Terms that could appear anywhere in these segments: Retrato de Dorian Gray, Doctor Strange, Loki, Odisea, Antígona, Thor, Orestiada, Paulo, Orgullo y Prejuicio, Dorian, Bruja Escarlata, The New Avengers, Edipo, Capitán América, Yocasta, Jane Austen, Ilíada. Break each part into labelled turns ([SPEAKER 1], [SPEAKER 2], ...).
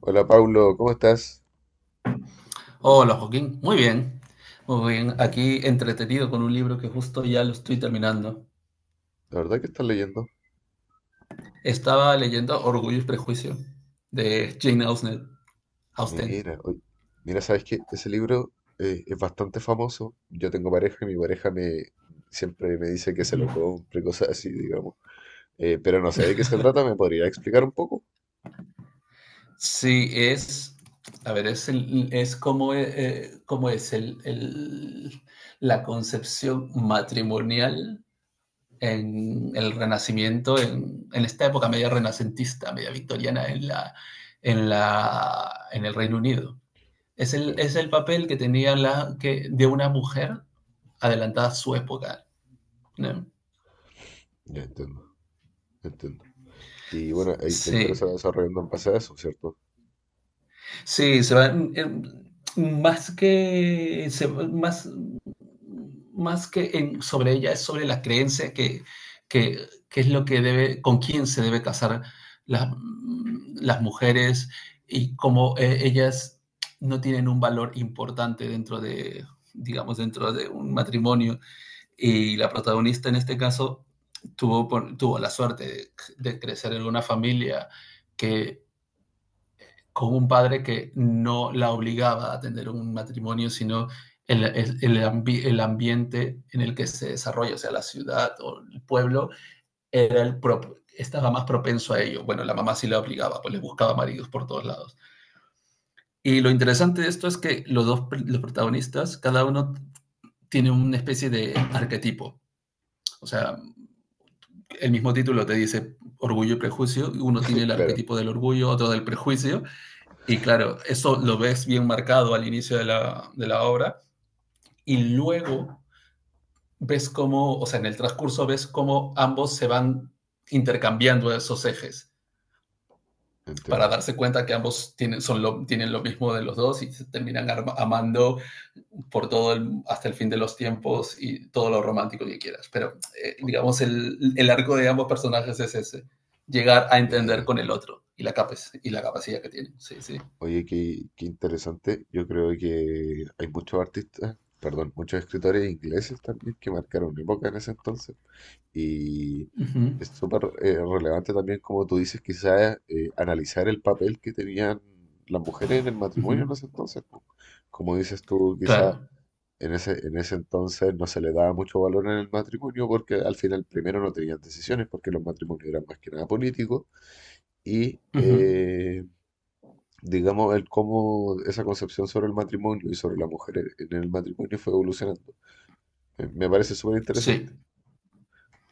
[SPEAKER 1] Hola Paulo, ¿cómo estás?
[SPEAKER 2] Hola Joaquín, muy bien, muy bien. Aquí entretenido con un libro que justo ya lo estoy terminando.
[SPEAKER 1] La verdad que estás leyendo.
[SPEAKER 2] Estaba leyendo Orgullo y Prejuicio de Jane Austen.
[SPEAKER 1] Mira, oy- Mira, sabes que ese libro es bastante famoso. Yo tengo pareja y mi pareja me siempre me dice que se lo compre, cosas así, digamos. Pero no sé de qué se trata, ¿me podría explicar un poco?
[SPEAKER 2] Sí, a ver, es, el- es como, como es la concepción matrimonial en el Renacimiento, en esta época media renacentista, media victoriana en el Reino Unido.
[SPEAKER 1] Ya,
[SPEAKER 2] Es el papel que tenía de una mujer adelantada a su época, ¿no?
[SPEAKER 1] ya entiendo, entiendo. Y bueno, ahí la historia se va
[SPEAKER 2] Sí,
[SPEAKER 1] desarrollando en base a eso, ¿cierto?
[SPEAKER 2] sí, se va, mm, más que, se- más, sobre ella, es sobre la creencia que, que es lo que debe, con quién se debe casar las, las mujeres y cómo ellas no tienen un valor importante dentro de, digamos, dentro de un matrimonio. Y la protagonista en este caso tuvo, tuvo la suerte de crecer en una familia que, con un padre que no la obligaba a tener un matrimonio, sino el ambiente en el que se desarrolla, o sea, la ciudad o el pueblo, estaba más propenso a ello. Bueno, la mamá sí la obligaba, pues le buscaba maridos por todos lados. Y lo
[SPEAKER 1] Ya.
[SPEAKER 2] interesante de esto es que los dos los protagonistas, cada uno tiene una especie de arquetipo. O sea, el mismo título te dice orgullo y prejuicio, uno tiene el
[SPEAKER 1] Claro,
[SPEAKER 2] arquetipo del orgullo, otro del prejuicio, y claro, eso lo ves bien marcado al inicio de la obra, y luego ves cómo, o sea, en el transcurso ves cómo ambos se van intercambiando esos ejes para
[SPEAKER 1] entiendo.
[SPEAKER 2] darse cuenta que ambos tienen lo mismo de los dos y se terminan amando hasta el fin de los tiempos y todo lo romántico que quieras. Pero
[SPEAKER 1] Oh,
[SPEAKER 2] digamos, el arco de ambos personajes es ese, llegar a entender
[SPEAKER 1] mira.
[SPEAKER 2] con el otro y la capacidad que tienen. Sí, sí.
[SPEAKER 1] Oye, qué, qué interesante. Yo creo que hay muchos artistas, perdón, muchos escritores ingleses también que marcaron época en ese entonces. Y
[SPEAKER 2] Uh -huh,
[SPEAKER 1] es súper relevante también, como tú dices, quizás analizar el papel que tenían las mujeres en el
[SPEAKER 2] uh
[SPEAKER 1] matrimonio
[SPEAKER 2] -huh.
[SPEAKER 1] en ese entonces. Po. Como dices tú, quizás
[SPEAKER 2] Claro.
[SPEAKER 1] en ese entonces no se le daba mucho valor en el matrimonio porque al final primero no tenían decisiones porque los matrimonios eran más que nada políticos y...
[SPEAKER 2] Uh -huh.
[SPEAKER 1] digamos, el cómo esa concepción sobre el matrimonio y sobre en el matrimonio fue evolucionando. Me parece súper
[SPEAKER 2] Sí,
[SPEAKER 1] interesante.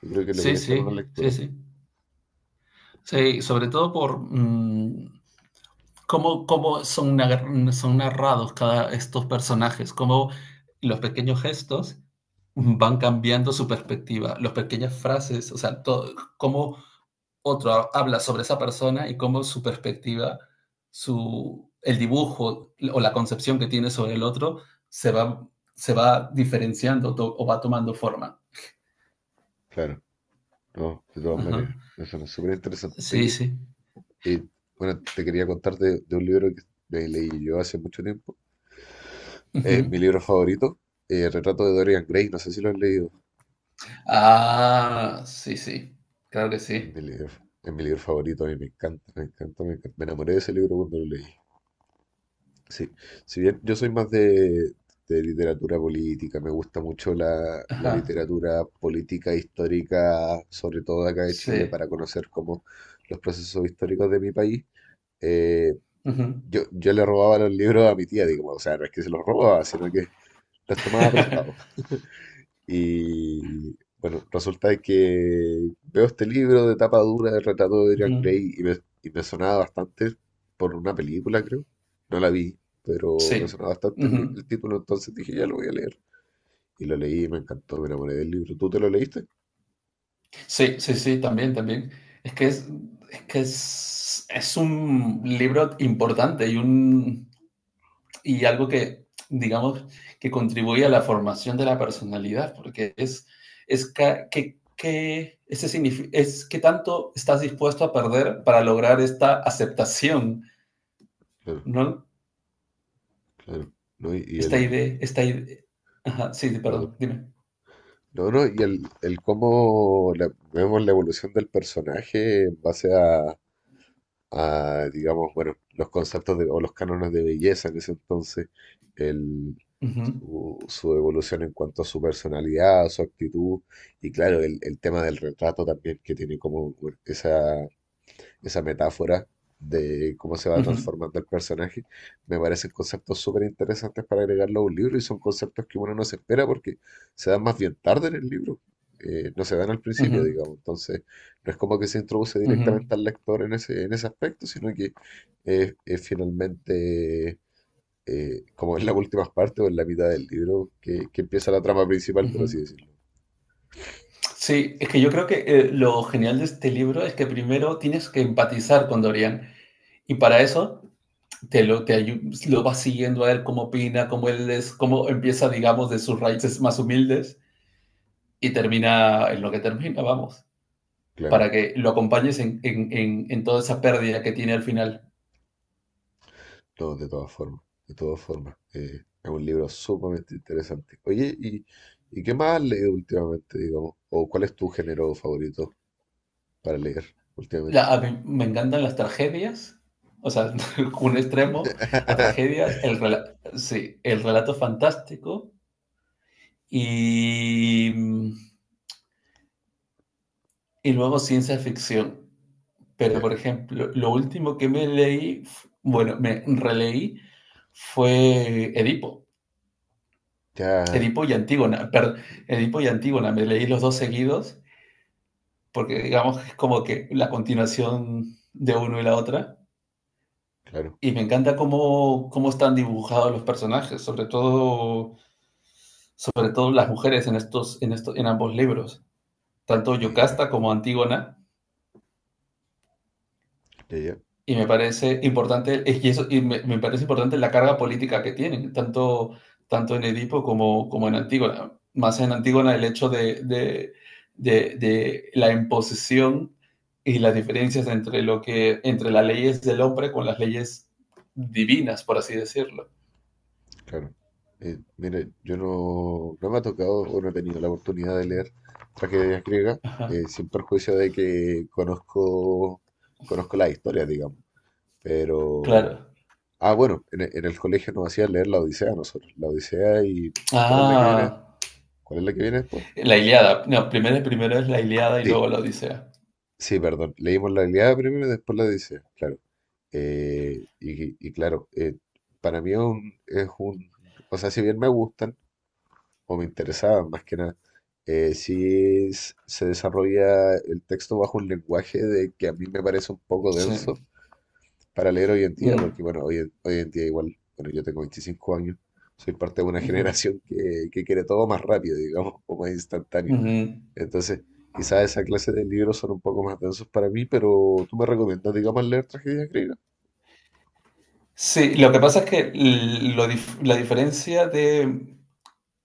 [SPEAKER 1] Yo creo que le voy
[SPEAKER 2] sí,
[SPEAKER 1] a echar
[SPEAKER 2] sí,
[SPEAKER 1] una
[SPEAKER 2] sí,
[SPEAKER 1] lectura.
[SPEAKER 2] sí. Sí, sobre todo por cómo son, son narrados cada estos personajes, cómo los pequeños gestos van cambiando su perspectiva, las pequeñas frases, o sea, todo, cómo otro habla sobre esa persona y cómo su perspectiva, el dibujo o la concepción que tiene sobre el otro se va, se va diferenciando o va tomando forma.
[SPEAKER 1] Claro, no, de todas
[SPEAKER 2] Ajá.
[SPEAKER 1] maneras. Eso es súper interesante.
[SPEAKER 2] Sí,
[SPEAKER 1] Oye,
[SPEAKER 2] sí.
[SPEAKER 1] eh, bueno, te quería contar de un libro que leí yo hace mucho tiempo.
[SPEAKER 2] Ujú.
[SPEAKER 1] Es mi libro favorito, Retrato de Dorian Gray. No sé si lo has leído.
[SPEAKER 2] Ah, sí, sí, claro que
[SPEAKER 1] Es
[SPEAKER 2] sí.
[SPEAKER 1] mi libro, es mi libro favorito. A mí me encanta, me encanta, me encanta. Me enamoré de ese libro cuando lo leí. Sí, si bien yo soy más de literatura política, me gusta mucho la
[SPEAKER 2] Ajá.
[SPEAKER 1] literatura política histórica, sobre todo de acá de Chile,
[SPEAKER 2] Sí.
[SPEAKER 1] para conocer cómo los procesos históricos de mi país. Eh,
[SPEAKER 2] Ujú.
[SPEAKER 1] yo le robaba los libros a mi tía, digamos, o sea, no es que se los robaba, sino que los tomaba prestados. Y bueno, resulta de que veo este libro de tapa dura del retrato de Dorian
[SPEAKER 2] Ujú.
[SPEAKER 1] Gray y me sonaba bastante por una película, creo. No la vi, pero
[SPEAKER 2] Sí,
[SPEAKER 1] me sonaba bastante
[SPEAKER 2] ujú.
[SPEAKER 1] el título, entonces dije, ya lo voy a leer. Y lo leí y me encantó, me enamoré del libro. ¿Tú te lo leíste?
[SPEAKER 2] Sí, sí, sí, también, también. Es que es, es que es un libro importante y un y algo que, digamos, que contribuye a la formación de la personalidad, porque es ca- que ese signifi- es que tanto estás dispuesto a perder para lograr esta aceptación,
[SPEAKER 1] Claro,
[SPEAKER 2] ¿no?
[SPEAKER 1] claro. ¿No?
[SPEAKER 2] Esta idea, esta idea. Ajá, sí,
[SPEAKER 1] Perdón.
[SPEAKER 2] perdón, dime.
[SPEAKER 1] No, no, el cómo vemos la evolución del personaje en base a, digamos, bueno, los conceptos de, o los cánones de belleza en ese entonces, el,
[SPEAKER 2] Ujú,
[SPEAKER 1] su evolución en cuanto a su personalidad, su actitud, y claro, el tema del retrato también, que tiene como bueno, esa metáfora de cómo se va
[SPEAKER 2] ujú,
[SPEAKER 1] transformando el personaje, me parecen conceptos súper interesantes para agregarlo a un libro y son conceptos que uno no se espera porque se dan más bien tarde en el libro, no se dan al principio,
[SPEAKER 2] ujú,
[SPEAKER 1] digamos, entonces no es como que se introduce
[SPEAKER 2] ujú,
[SPEAKER 1] directamente al lector en ese aspecto, sino que es finalmente como en las últimas partes o en la mitad del libro que empieza la trama principal, por así
[SPEAKER 2] ujú.
[SPEAKER 1] decirlo.
[SPEAKER 2] Sí, es que yo creo que lo genial de este libro es que primero tienes que empatizar con Dorian y para eso te lo, te ayu- lo vas siguiendo a él cómo opina, cómo él es, cómo empieza, digamos, de sus raíces más humildes y termina en lo que termina, vamos, para
[SPEAKER 1] Claro.
[SPEAKER 2] que lo acompañes en toda esa pérdida que tiene al final.
[SPEAKER 1] No, de todas formas, de todas formas. Es un libro sumamente interesante. Oye, ¿ y qué más has leído últimamente, digamos? ¿O cuál es tu género favorito para leer
[SPEAKER 2] La-
[SPEAKER 1] últimamente?
[SPEAKER 2] a mí me encantan las tragedias, o sea, un extremo a tragedias, sí, el relato fantástico y... mm, y luego ciencia ficción. Pero,
[SPEAKER 1] Ya,
[SPEAKER 2] por ejemplo, lo último que me leí, bueno, me releí fue Edipo.
[SPEAKER 1] ya,
[SPEAKER 2] Edipo y Antígona. Perdón, Edipo y Antígona. Me leí los dos seguidos porque, digamos, que es como que la continuación de uno y la otra.
[SPEAKER 1] claro,
[SPEAKER 2] Y me encanta cómo están dibujados los personajes, sobre todo las mujeres en, estos, en, esto- en ambos libros, tanto
[SPEAKER 1] mira,
[SPEAKER 2] Yocasta como Antígona.
[SPEAKER 1] ya, ya,
[SPEAKER 2] Y me parece importante, es que eso, y me parece importante la carga política que tienen, tanto en Edipo como en Antígona. Más en Antígona el hecho de la imposición y las diferencias entre las leyes del hombre con las leyes divinas, por así decirlo.
[SPEAKER 1] claro. Mira, yo no me ha tocado o no he tenido la oportunidad de leer tragedias griegas,
[SPEAKER 2] Ajá,
[SPEAKER 1] sin perjuicio de que conozco, conozco la historia, digamos, pero...
[SPEAKER 2] claro.
[SPEAKER 1] Ah, bueno, en el colegio nos hacían leer la Odisea a nosotros. La Odisea y... ¿Cuál es la que viene?
[SPEAKER 2] Ah,
[SPEAKER 1] ¿Cuál es la que viene después?
[SPEAKER 2] la Ilíada. No, primero es la Ilíada y
[SPEAKER 1] Sí,
[SPEAKER 2] luego la Odisea.
[SPEAKER 1] sí, perdón. Leímos la Ilíada primero y después la Odisea, claro. Y claro, para mí es un... O sea, si bien me gustan o me interesaban más que nada, se desarrolla el texto bajo un lenguaje de que a mí me parece un poco denso
[SPEAKER 2] Sí.
[SPEAKER 1] para leer hoy en día,
[SPEAKER 2] Mm,
[SPEAKER 1] porque bueno, hoy en día igual, bueno, yo tengo 25 años, soy parte de una
[SPEAKER 2] ujú,
[SPEAKER 1] generación que quiere todo más rápido, digamos, o más instantáneo.
[SPEAKER 2] ujú.
[SPEAKER 1] Entonces, quizás esa clase de libros son un poco más densos para mí, pero tú me recomiendas, digamos, leer tragedias griegas.
[SPEAKER 2] Sí, lo que pasa es que la diferencia de,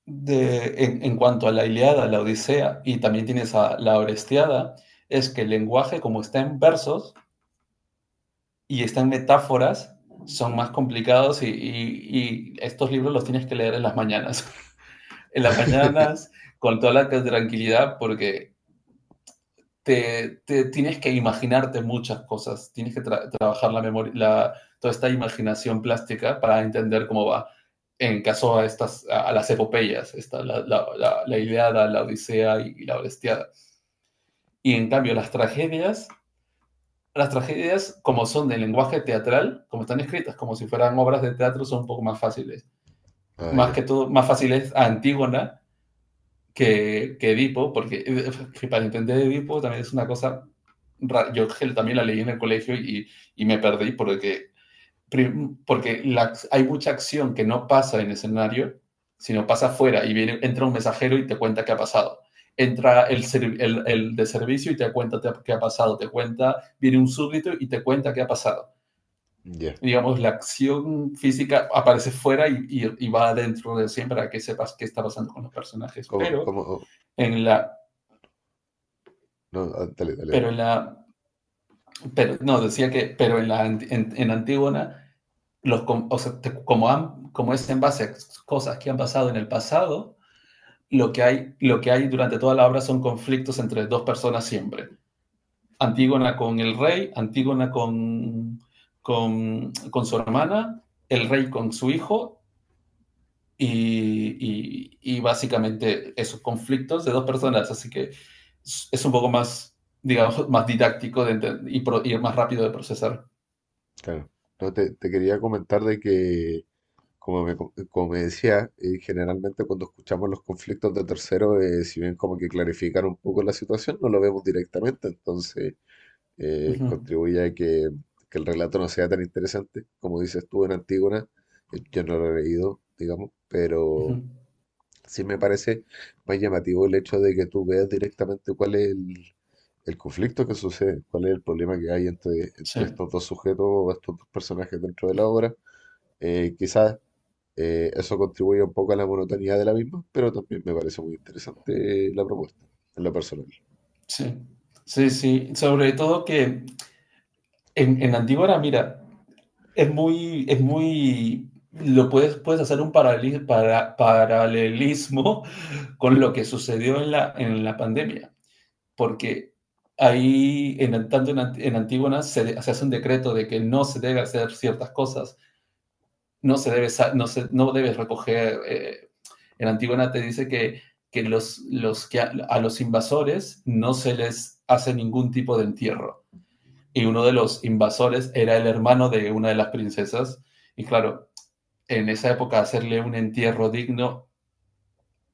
[SPEAKER 2] de- en, en cuanto a la Ilíada, la Odisea y también tienes a la Orestiada es que el lenguaje, como está en versos y está en metáforas, son más complicados y estos libros los tienes que leer en las mañanas. En las mañanas, con toda la tranquilidad, porque te tienes que imaginarte muchas cosas, tienes que trabajar la memoria, toda esta imaginación plástica para entender cómo va. En caso a estas, a las epopeyas, la Iliada, la Odisea y la Orestiada. Y en cambio, las tragedias, como son de lenguaje teatral, como están escritas, como si fueran obras de teatro, son un poco más fáciles.
[SPEAKER 1] Ah,
[SPEAKER 2] Más
[SPEAKER 1] ya,
[SPEAKER 2] que todo, más fáciles a Antígona que Edipo, porque para entender Edipo también es una cosa, yo también la leí en el colegio y me perdí porque hay mucha acción que no pasa en el escenario, sino pasa afuera y viene, entra un mensajero y te cuenta qué ha pasado. Entra el de servicio y te cuenta qué ha pasado, te cuenta, viene un súbdito y te cuenta qué ha pasado.
[SPEAKER 1] ya.
[SPEAKER 2] Digamos, la acción física aparece fuera y va adentro de siempre para que sepas qué está pasando con los personajes,
[SPEAKER 1] ¿Cómo, cómo?
[SPEAKER 2] en la
[SPEAKER 1] No, ah, dale, dale, dale.
[SPEAKER 2] Pero en la, no, decía que, pero en la, anti- en Antígona, o sea, como, como es en base a cosas que han pasado en el pasado, lo que hay durante toda la obra son conflictos entre dos personas siempre. Antígona con el rey, Antígona con su hermana, el rey con su hijo y básicamente esos conflictos de dos personas, así que es un poco más, digamos, más didáctico y más rápido de procesar.
[SPEAKER 1] Claro. No, te quería comentar de que como como me decía, generalmente cuando escuchamos los conflictos de terceros, si bien como que clarifican un poco la situación, no lo vemos directamente, entonces
[SPEAKER 2] Ujú,
[SPEAKER 1] contribuye a que el relato no sea tan interesante. Como dices tú en Antígona, yo no lo he leído, digamos, pero
[SPEAKER 2] ujú.
[SPEAKER 1] sí me parece más llamativo el hecho de que tú veas directamente cuál es el conflicto que sucede, cuál es el problema que hay entre,
[SPEAKER 2] Sí,
[SPEAKER 1] entre estos dos sujetos o estos dos personajes dentro de la obra. Quizás eso contribuye un poco a la monotonía de la misma, pero también me parece muy interesante la propuesta, en lo personal.
[SPEAKER 2] sí, sí, sí. Sobre todo que en Antígona, mira, puedes hacer un paralelismo con lo que sucedió en la pandemia. Porque ahí, tanto en Antígona, se hace un decreto de que no se debe hacer ciertas cosas, no, se debe, no, se, no debes recoger, en Antígona te dice que a los invasores no se les hace ningún tipo de entierro. Y uno de los invasores era el hermano de una de las princesas. Y claro, en esa época hacerle un entierro digno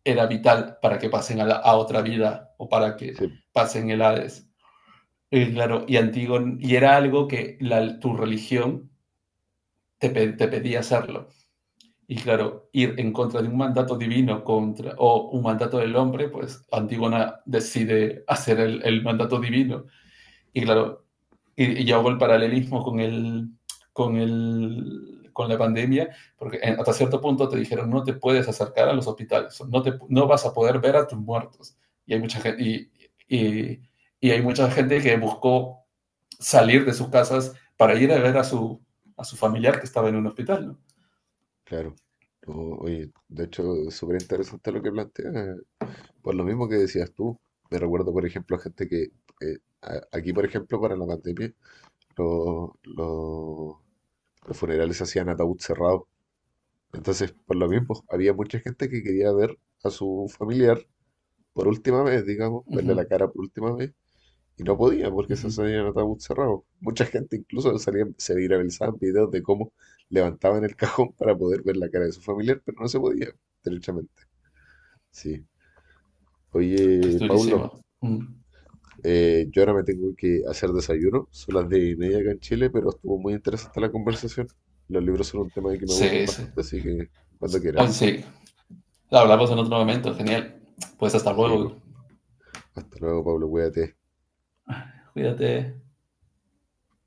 [SPEAKER 2] era vital para que pasen a otra vida o para que
[SPEAKER 1] Sí,
[SPEAKER 2] pasen el Hades. Y claro, y era algo que tu religión te pedía hacerlo. Y claro, ir en contra de un mandato divino contra, o un mandato del hombre, pues Antígona decide hacer el mandato divino. Y claro, y yo hago el paralelismo con la pandemia, porque hasta cierto punto te dijeron no te puedes acercar a los hospitales, no vas a poder ver a tus muertos. Y hay mucha gente, y, y- y hay mucha gente que buscó salir de sus casas para ir a ver a su familiar que estaba en un hospital, ¿no?
[SPEAKER 1] claro. No, oye, de hecho, es súper interesante lo que planteas, por lo mismo que decías tú. Me recuerdo, por ejemplo, gente que, aquí, por ejemplo, para la pandemia, lo- lo- los funerales se hacían ataúd cerrado. Entonces, por lo mismo, había mucha gente que quería ver a su familiar por última vez, digamos, verle
[SPEAKER 2] Ujú,
[SPEAKER 1] la cara por última vez. Y no podía porque se
[SPEAKER 2] ujú.
[SPEAKER 1] hacían ataúd cerrado. Mucha gente incluso salía, se viralizaban videos de cómo levantaban el cajón para poder ver la cara de su familiar, pero no se podía, derechamente. Sí.
[SPEAKER 2] Que
[SPEAKER 1] Oye,
[SPEAKER 2] es durísimo.
[SPEAKER 1] Paulo,
[SPEAKER 2] Mm.
[SPEAKER 1] yo ahora me tengo que hacer desayuno. Son las 10 y media acá en Chile, pero estuvo muy interesante la conversación. Los libros son un tema que me gustan
[SPEAKER 2] Sí, sí.
[SPEAKER 1] bastante, así que cuando
[SPEAKER 2] Sí.
[SPEAKER 1] quieras.
[SPEAKER 2] Ay, sí. Hablamos en otro momento, genial. Pues hasta
[SPEAKER 1] Sí, pues.
[SPEAKER 2] luego.
[SPEAKER 1] Hasta luego, Pablo, cuídate.
[SPEAKER 2] Cuídate.